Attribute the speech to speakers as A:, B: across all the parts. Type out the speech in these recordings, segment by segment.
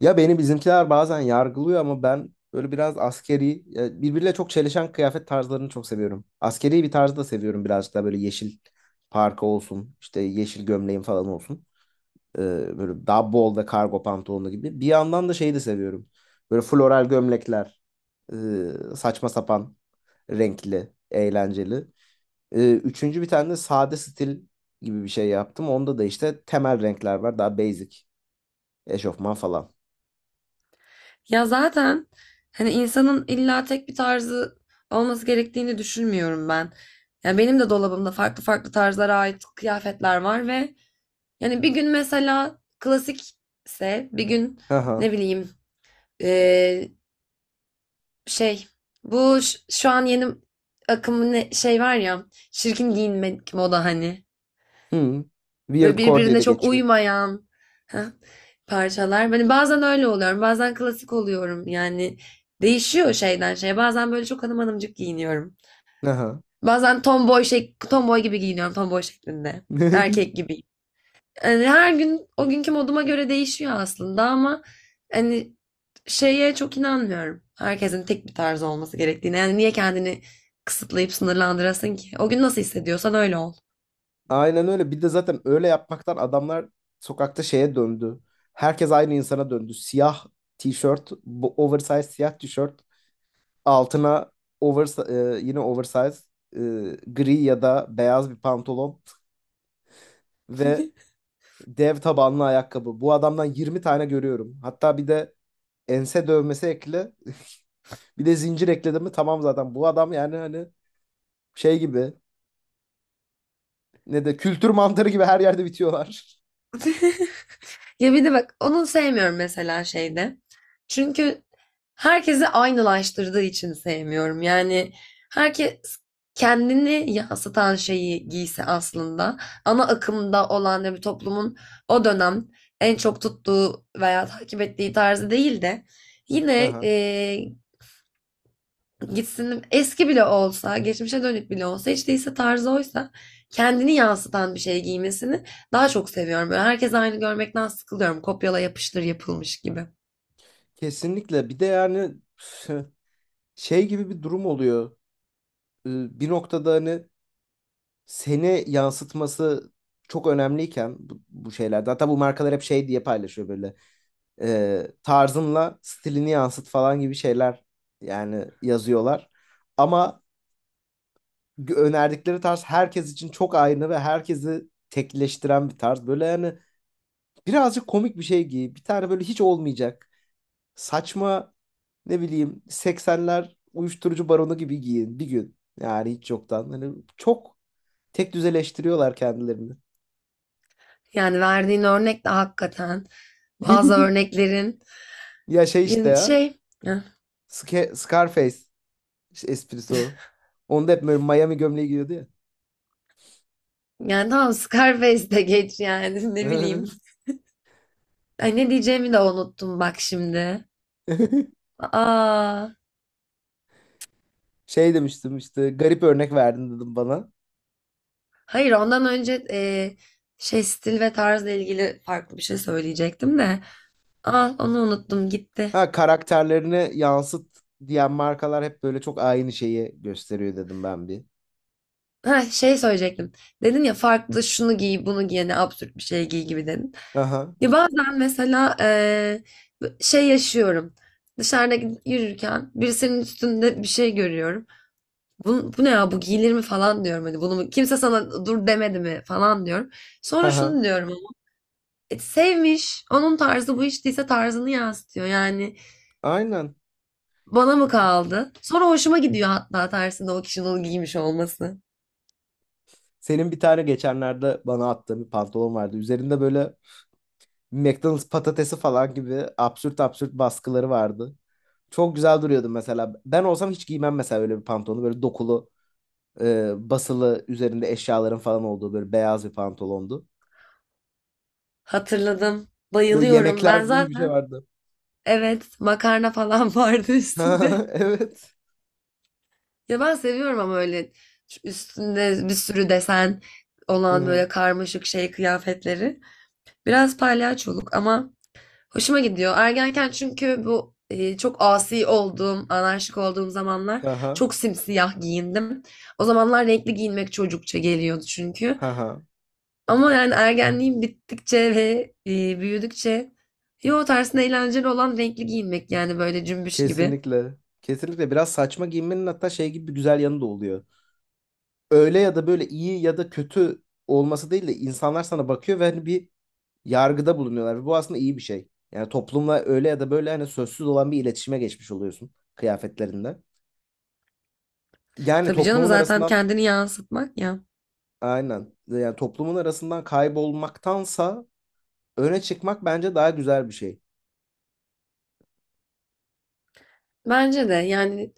A: Ya beni bizimkiler bazen yargılıyor ama ben böyle biraz askeri, ya birbiriyle çok çelişen kıyafet tarzlarını çok seviyorum. Askeri bir tarzı da seviyorum birazcık daha böyle yeşil parka olsun, işte yeşil gömleğim falan olsun. Böyle daha bol ve kargo pantolonu gibi. Bir yandan da şeyi de seviyorum. Böyle floral gömlekler, saçma sapan, renkli, eğlenceli. Üçüncü bir tane de sade stil gibi bir şey yaptım. Onda da işte temel renkler var, daha basic. Eşofman falan.
B: Ya zaten hani insanın illa tek bir tarzı olması gerektiğini düşünmüyorum ben. Ya benim de dolabımda farklı farklı tarzlara ait kıyafetler var ve yani bir gün mesela klasikse bir gün
A: Aha.
B: ne bileyim eee, şey bu şu an yeni akımın şey var ya şirkin giyinmek moda hani.
A: Hı.
B: Böyle
A: Weird core diye
B: birbirine
A: de
B: çok
A: geçiyor.
B: uymayan heh, parçalar. Hani bazen öyle oluyorum, bazen klasik oluyorum. Yani değişiyor şeyden şeye. Bazen böyle çok hanım hanımcık giyiniyorum.
A: Aha.
B: Bazen tomboy şey, tomboy gibi giyiniyorum, tomboy şeklinde. Erkek gibi. Yani her gün o günkü moduma göre değişiyor aslında ama hani şeye çok inanmıyorum. Herkesin tek bir tarzı olması gerektiğine. Yani niye kendini kısıtlayıp sınırlandırasın ki? O gün nasıl hissediyorsan öyle ol.
A: Aynen öyle. Bir de zaten öyle yapmaktan adamlar sokakta şeye döndü. Herkes aynı insana döndü. Siyah tişört, bu oversize siyah tişört. Altına over, yine oversize, e, gri ya da beyaz bir pantolon ve dev tabanlı ayakkabı. Bu adamdan 20 tane görüyorum. Hatta bir de ense dövmesi ekle. Bir de zincir ekledim mi tamam zaten. Bu adam yani hani şey gibi ne de kültür mantarı gibi her yerde bitiyorlar.
B: Ya bir de bak onu sevmiyorum mesela şeyde. Çünkü herkesi aynılaştırdığı için sevmiyorum. Yani herkes kendini yansıtan şeyi giyse aslında ana akımda olan da bir toplumun o dönem en çok tuttuğu veya takip ettiği tarzı değil de yine
A: Aha.
B: gitsin eski bile olsa, geçmişe dönük bile olsa, hiç değilse tarzı oysa kendini yansıtan bir şey giymesini daha çok seviyorum. Böyle herkes aynı görmekten sıkılıyorum. Kopyala yapıştır yapılmış gibi.
A: Kesinlikle. Bir de yani şey gibi bir durum oluyor. Bir noktada hani seni yansıtması çok önemliyken bu şeyler. Hatta bu markalar hep şey diye paylaşıyor böyle. Tarzınla stilini yansıt falan gibi şeyler yani yazıyorlar. Ama önerdikleri tarz herkes için çok aynı ve herkesi tekleştiren bir tarz. Böyle yani birazcık komik bir şey giy. Bir tane böyle hiç olmayacak. Saçma ne bileyim 80'ler uyuşturucu baronu gibi giyin bir gün. Yani hiç yoktan. Hani çok tek düzeleştiriyorlar kendilerini.
B: Yani verdiğin örnek de hakikaten bazı örneklerin
A: Ya şey işte
B: yani
A: ya.
B: şey
A: Scarface esprisi o. Onda hep böyle Miami gömleği giyiyordu ya.
B: yani tamam, Scarface de geç yani. Ne bileyim, ay ne diyeceğimi de unuttum bak şimdi. Aa,
A: Şey demiştim işte garip örnek verdin dedim bana.
B: hayır, ondan önce şey stil ve tarzla ilgili farklı bir şey söyleyecektim de. Aa, onu unuttum gitti.
A: Ha karakterlerini yansıt diyen markalar hep böyle çok aynı şeyi gösteriyor dedim ben bir.
B: Ha, şey söyleyecektim. Dedin ya farklı şunu giy bunu giy ne absürt bir şey giy gibi dedin.
A: Aha.
B: Ya bazen mesela şey yaşıyorum. Dışarıda gidip yürürken birisinin üstünde bir şey görüyorum. Bu, bu ne ya bu giyilir mi falan diyorum. Hani bunu kimse sana dur demedi mi falan diyorum. Sonra
A: Aha.
B: şunu diyorum. E, sevmiş. Onun tarzı bu, hiç değilse tarzını yansıtıyor. Yani
A: Aynen.
B: bana mı kaldı? Sonra hoşuma gidiyor hatta tersinde o kişinin onu giymiş olması.
A: Senin bir tane geçenlerde bana attığın bir pantolon vardı. Üzerinde böyle McDonald's patatesi falan gibi absürt absürt baskıları vardı. Çok güzel duruyordu mesela. Ben olsam hiç giymem mesela öyle bir pantolonu. Böyle dokulu, basılı, üzerinde eşyaların falan olduğu böyle beyaz bir pantolondu.
B: Hatırladım.
A: Böyle
B: Bayılıyorum.
A: yemekler
B: Ben
A: gibi bir şey
B: zaten
A: vardı.
B: evet, makarna falan vardı üstünde.
A: Evet.
B: Ya ben seviyorum ama öyle üstünde bir sürü desen
A: Hı
B: olan
A: hı.
B: böyle karmaşık şey kıyafetleri. Biraz palyaçoluk ama hoşuma gidiyor. Ergenken çünkü bu çok asi olduğum, anarşik olduğum zamanlar
A: Aha.
B: çok simsiyah giyindim. O zamanlar renkli giyinmek çocukça geliyordu çünkü.
A: Aha.
B: Ama yani ergenliğim bittikçe ve büyüdükçe yo tersine eğlenceli olan renkli giyinmek yani böyle cümbüş gibi.
A: Kesinlikle. Kesinlikle biraz saçma giyinmenin hatta şey gibi bir güzel yanı da oluyor. Öyle ya da böyle iyi ya da kötü olması değil de insanlar sana bakıyor ve hani bir yargıda bulunuyorlar. Ve bu aslında iyi bir şey. Yani toplumla öyle ya da böyle hani sözsüz olan bir iletişime geçmiş oluyorsun kıyafetlerinde. Yani
B: Tabii canım,
A: toplumun
B: zaten
A: arasından.
B: kendini yansıtmak ya.
A: Aynen. Yani toplumun arasından kaybolmaktansa öne çıkmak bence daha güzel bir şey.
B: Bence de yani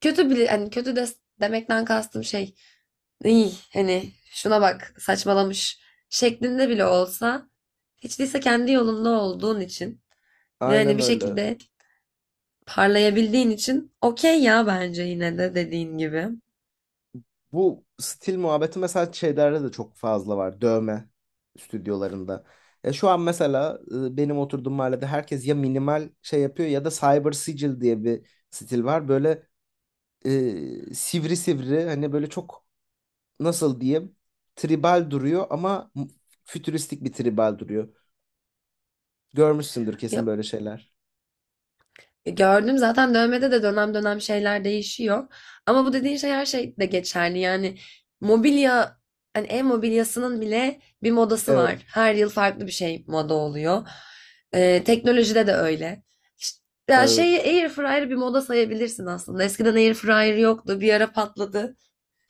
B: kötü bile, hani kötü de demekten kastım şey, İyi hani şuna bak saçmalamış şeklinde bile olsa hiç değilse kendi yolunda olduğun için ve hani
A: Aynen
B: bir
A: öyle.
B: şekilde parlayabildiğin için okey ya bence, yine de dediğin gibi.
A: Bu stil muhabbeti mesela şeylerde de çok fazla var. Dövme stüdyolarında. Şu an mesela benim oturduğum mahallede herkes ya minimal şey yapıyor ya da cyber sigil diye bir stil var. Böyle sivri sivri hani böyle çok nasıl diyeyim tribal duruyor ama fütüristik bir tribal duruyor. Görmüşsündür kesin
B: Ya,
A: böyle şeyler.
B: e, gördüm zaten dövmede de dönem dönem şeyler değişiyor. Ama bu dediğin şey her şeyde geçerli. Yani mobilya, hani ev mobilyasının bile bir modası
A: Evet,
B: var. Her yıl farklı bir şey moda oluyor. Teknolojide de öyle. İşte, ya
A: evet.
B: şeyi, air fryer bir moda sayabilirsin aslında. Eskiden air fryer yoktu. Bir ara patladı.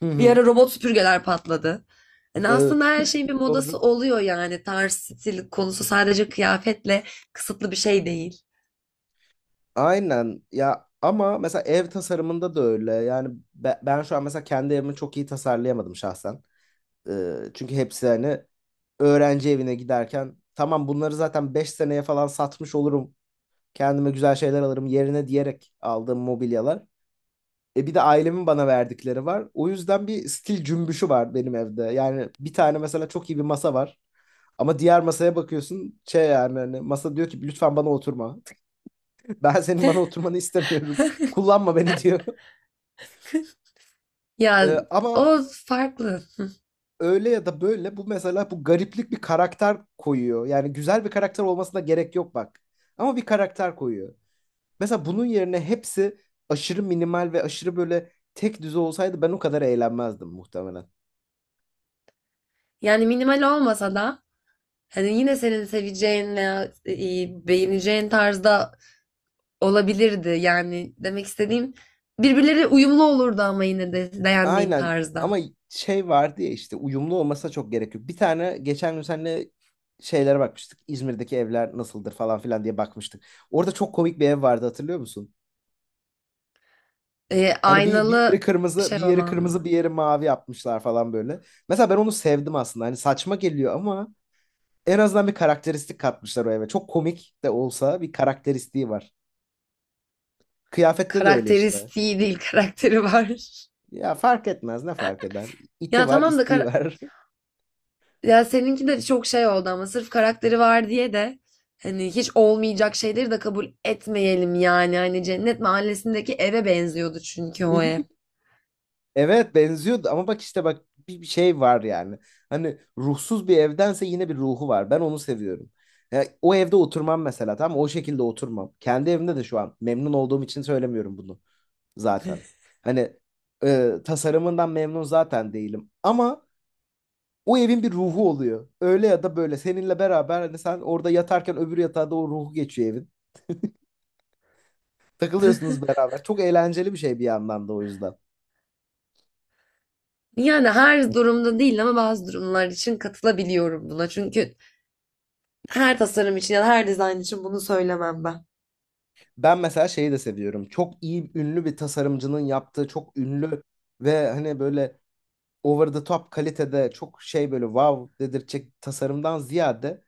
A: Hı
B: Bir
A: hı,
B: ara robot süpürgeler patladı. Yani
A: evet.
B: aslında her şeyin bir modası
A: Doğru.
B: oluyor yani. Tarz, stil konusu sadece kıyafetle kısıtlı bir şey değil.
A: Aynen ya ama mesela ev tasarımında da öyle. Yani ben şu an mesela kendi evimi çok iyi tasarlayamadım şahsen. Çünkü hepsi hani öğrenci evine giderken tamam bunları zaten 5 seneye falan satmış olurum. Kendime güzel şeyler alırım yerine diyerek aldığım mobilyalar. Bir de ailemin bana verdikleri var. O yüzden bir stil cümbüşü var benim evde. Yani bir tane mesela çok iyi bir masa var. Ama diğer masaya bakıyorsun şey yani hani masa diyor ki lütfen bana oturma. Ben senin bana oturmanı istemiyorum. Kullanma beni diyor.
B: Ya
A: Ama
B: o farklı.
A: öyle ya da böyle bu mesela bu gariplik bir karakter koyuyor. Yani güzel bir karakter olmasına gerek yok bak. Ama bir karakter koyuyor. Mesela bunun yerine hepsi aşırı minimal ve aşırı böyle tek düze olsaydı ben o kadar eğlenmezdim muhtemelen.
B: Yani minimal olmasa da hani yine senin seveceğin veya beğeneceğin tarzda olabilirdi yani demek istediğim, birbirleri uyumlu olurdu ama yine de beğendiğin
A: Aynen ama
B: tarzda.
A: şey vardı ya işte uyumlu olmasına çok gerek yok. Bir tane geçen gün seninle şeylere bakmıştık. İzmir'deki evler nasıldır falan filan diye bakmıştık. Orada çok komik bir ev vardı hatırlıyor musun? Hani bir yeri
B: Aynalı
A: kırmızı,
B: şey
A: bir yeri
B: olan
A: kırmızı, bir
B: mı?
A: yeri mavi yapmışlar falan böyle. Mesela ben onu sevdim aslında. Hani saçma geliyor ama en azından bir karakteristik katmışlar o eve. Çok komik de olsa bir karakteristiği var. Kıyafette de öyle işte.
B: Karakteristiği değil, karakteri var.
A: Ya fark etmez ne fark eder? İti
B: Ya
A: var,
B: tamam da
A: isteği
B: kar-
A: var.
B: Ya seninki de çok şey oldu ama sırf karakteri var diye de hani hiç olmayacak şeyleri de kabul etmeyelim yani. Hani Cennet Mahallesi'ndeki eve benziyordu çünkü o ev.
A: Evet benziyordu ama bak işte bak bir şey var yani. Hani ruhsuz bir evdense yine bir ruhu var. Ben onu seviyorum. Ya, o evde oturmam mesela tamam mı? O şekilde oturmam. Kendi evimde de şu an memnun olduğum için söylemiyorum bunu zaten. Hani tasarımından memnun zaten değilim. Ama o evin bir ruhu oluyor. Öyle ya da böyle seninle beraber hani sen orada yatarken öbür yatağa da o ruhu geçiyor evin. Takılıyorsunuz beraber. Çok eğlenceli bir şey bir yandan da o yüzden.
B: Yani her durumda değil ama bazı durumlar için katılabiliyorum buna. Çünkü her tasarım için ya da her dizayn için bunu söylemem ben.
A: Ben mesela şeyi de seviyorum. Çok iyi ünlü bir tasarımcının yaptığı çok ünlü ve hani böyle over the top kalitede çok şey böyle wow dedirtecek tasarımdan ziyade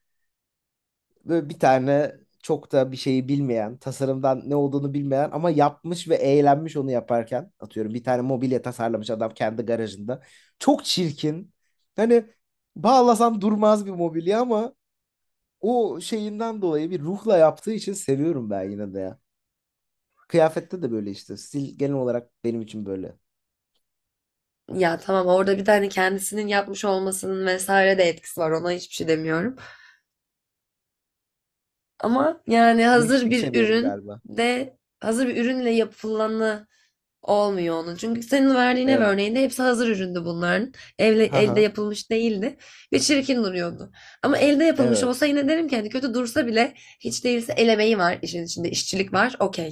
A: böyle bir tane çok da bir şeyi bilmeyen, tasarımdan ne olduğunu bilmeyen ama yapmış ve eğlenmiş onu yaparken. Atıyorum bir tane mobilya tasarlamış adam kendi garajında. Çok çirkin. Hani bağlasan durmaz bir mobilya ama o şeyinden dolayı bir ruhla yaptığı için seviyorum ben yine de ya. Kıyafette de böyle işte. Stil genel olarak benim için böyle.
B: Ya tamam, orada bir tane kendisinin yapmış olmasının vesaire de etkisi var. Ona hiçbir şey demiyorum. Ama yani hazır
A: Leşlik
B: bir
A: seviyorum
B: ürün
A: galiba.
B: de hazır bir ürünle yapılanı olmuyor onun. Çünkü senin verdiğin ev
A: Evet.
B: örneğinde hepsi hazır üründü bunların. Evle, elde
A: Haha.
B: yapılmış değildi ve çirkin duruyordu. Ama elde yapılmış
A: Evet.
B: olsa yine derim ki hani kötü dursa bile hiç değilse el emeği var işin içinde, işçilik var, okey.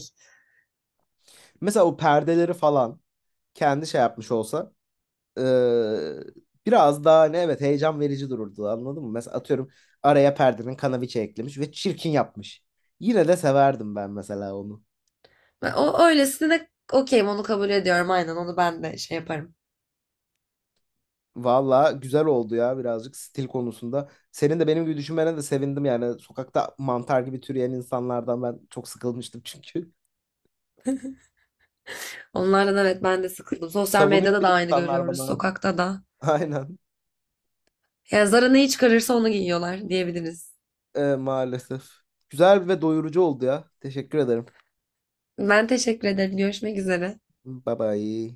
A: Mesela o perdeleri falan kendi şey yapmış olsa eee, biraz daha hani evet heyecan verici dururdu anladın mı? Mesela atıyorum araya perdenin kanaviçe eklemiş ve çirkin yapmış. Yine de severdim ben mesela onu.
B: Ben o öylesine okeyim, onu kabul ediyorum, aynen onu ben de şey yaparım.
A: Valla güzel oldu ya birazcık stil konusunda. Senin de benim gibi düşünmene de sevindim yani. Sokakta mantar gibi türeyen insanlardan ben çok sıkılmıştım çünkü.
B: Onlardan evet, ben de sıkıldım. Sosyal
A: Savunuyor
B: medyada
A: bir
B: da
A: de
B: aynı
A: insanlar
B: görüyoruz,
A: bana.
B: sokakta da.
A: Aynen.
B: Yani Zara neyi çıkarırsa onu giyiyorlar diyebiliriz.
A: Maalesef. Güzel ve doyurucu oldu ya. Teşekkür ederim.
B: Ben teşekkür ederim. Görüşmek üzere.
A: Bye bye.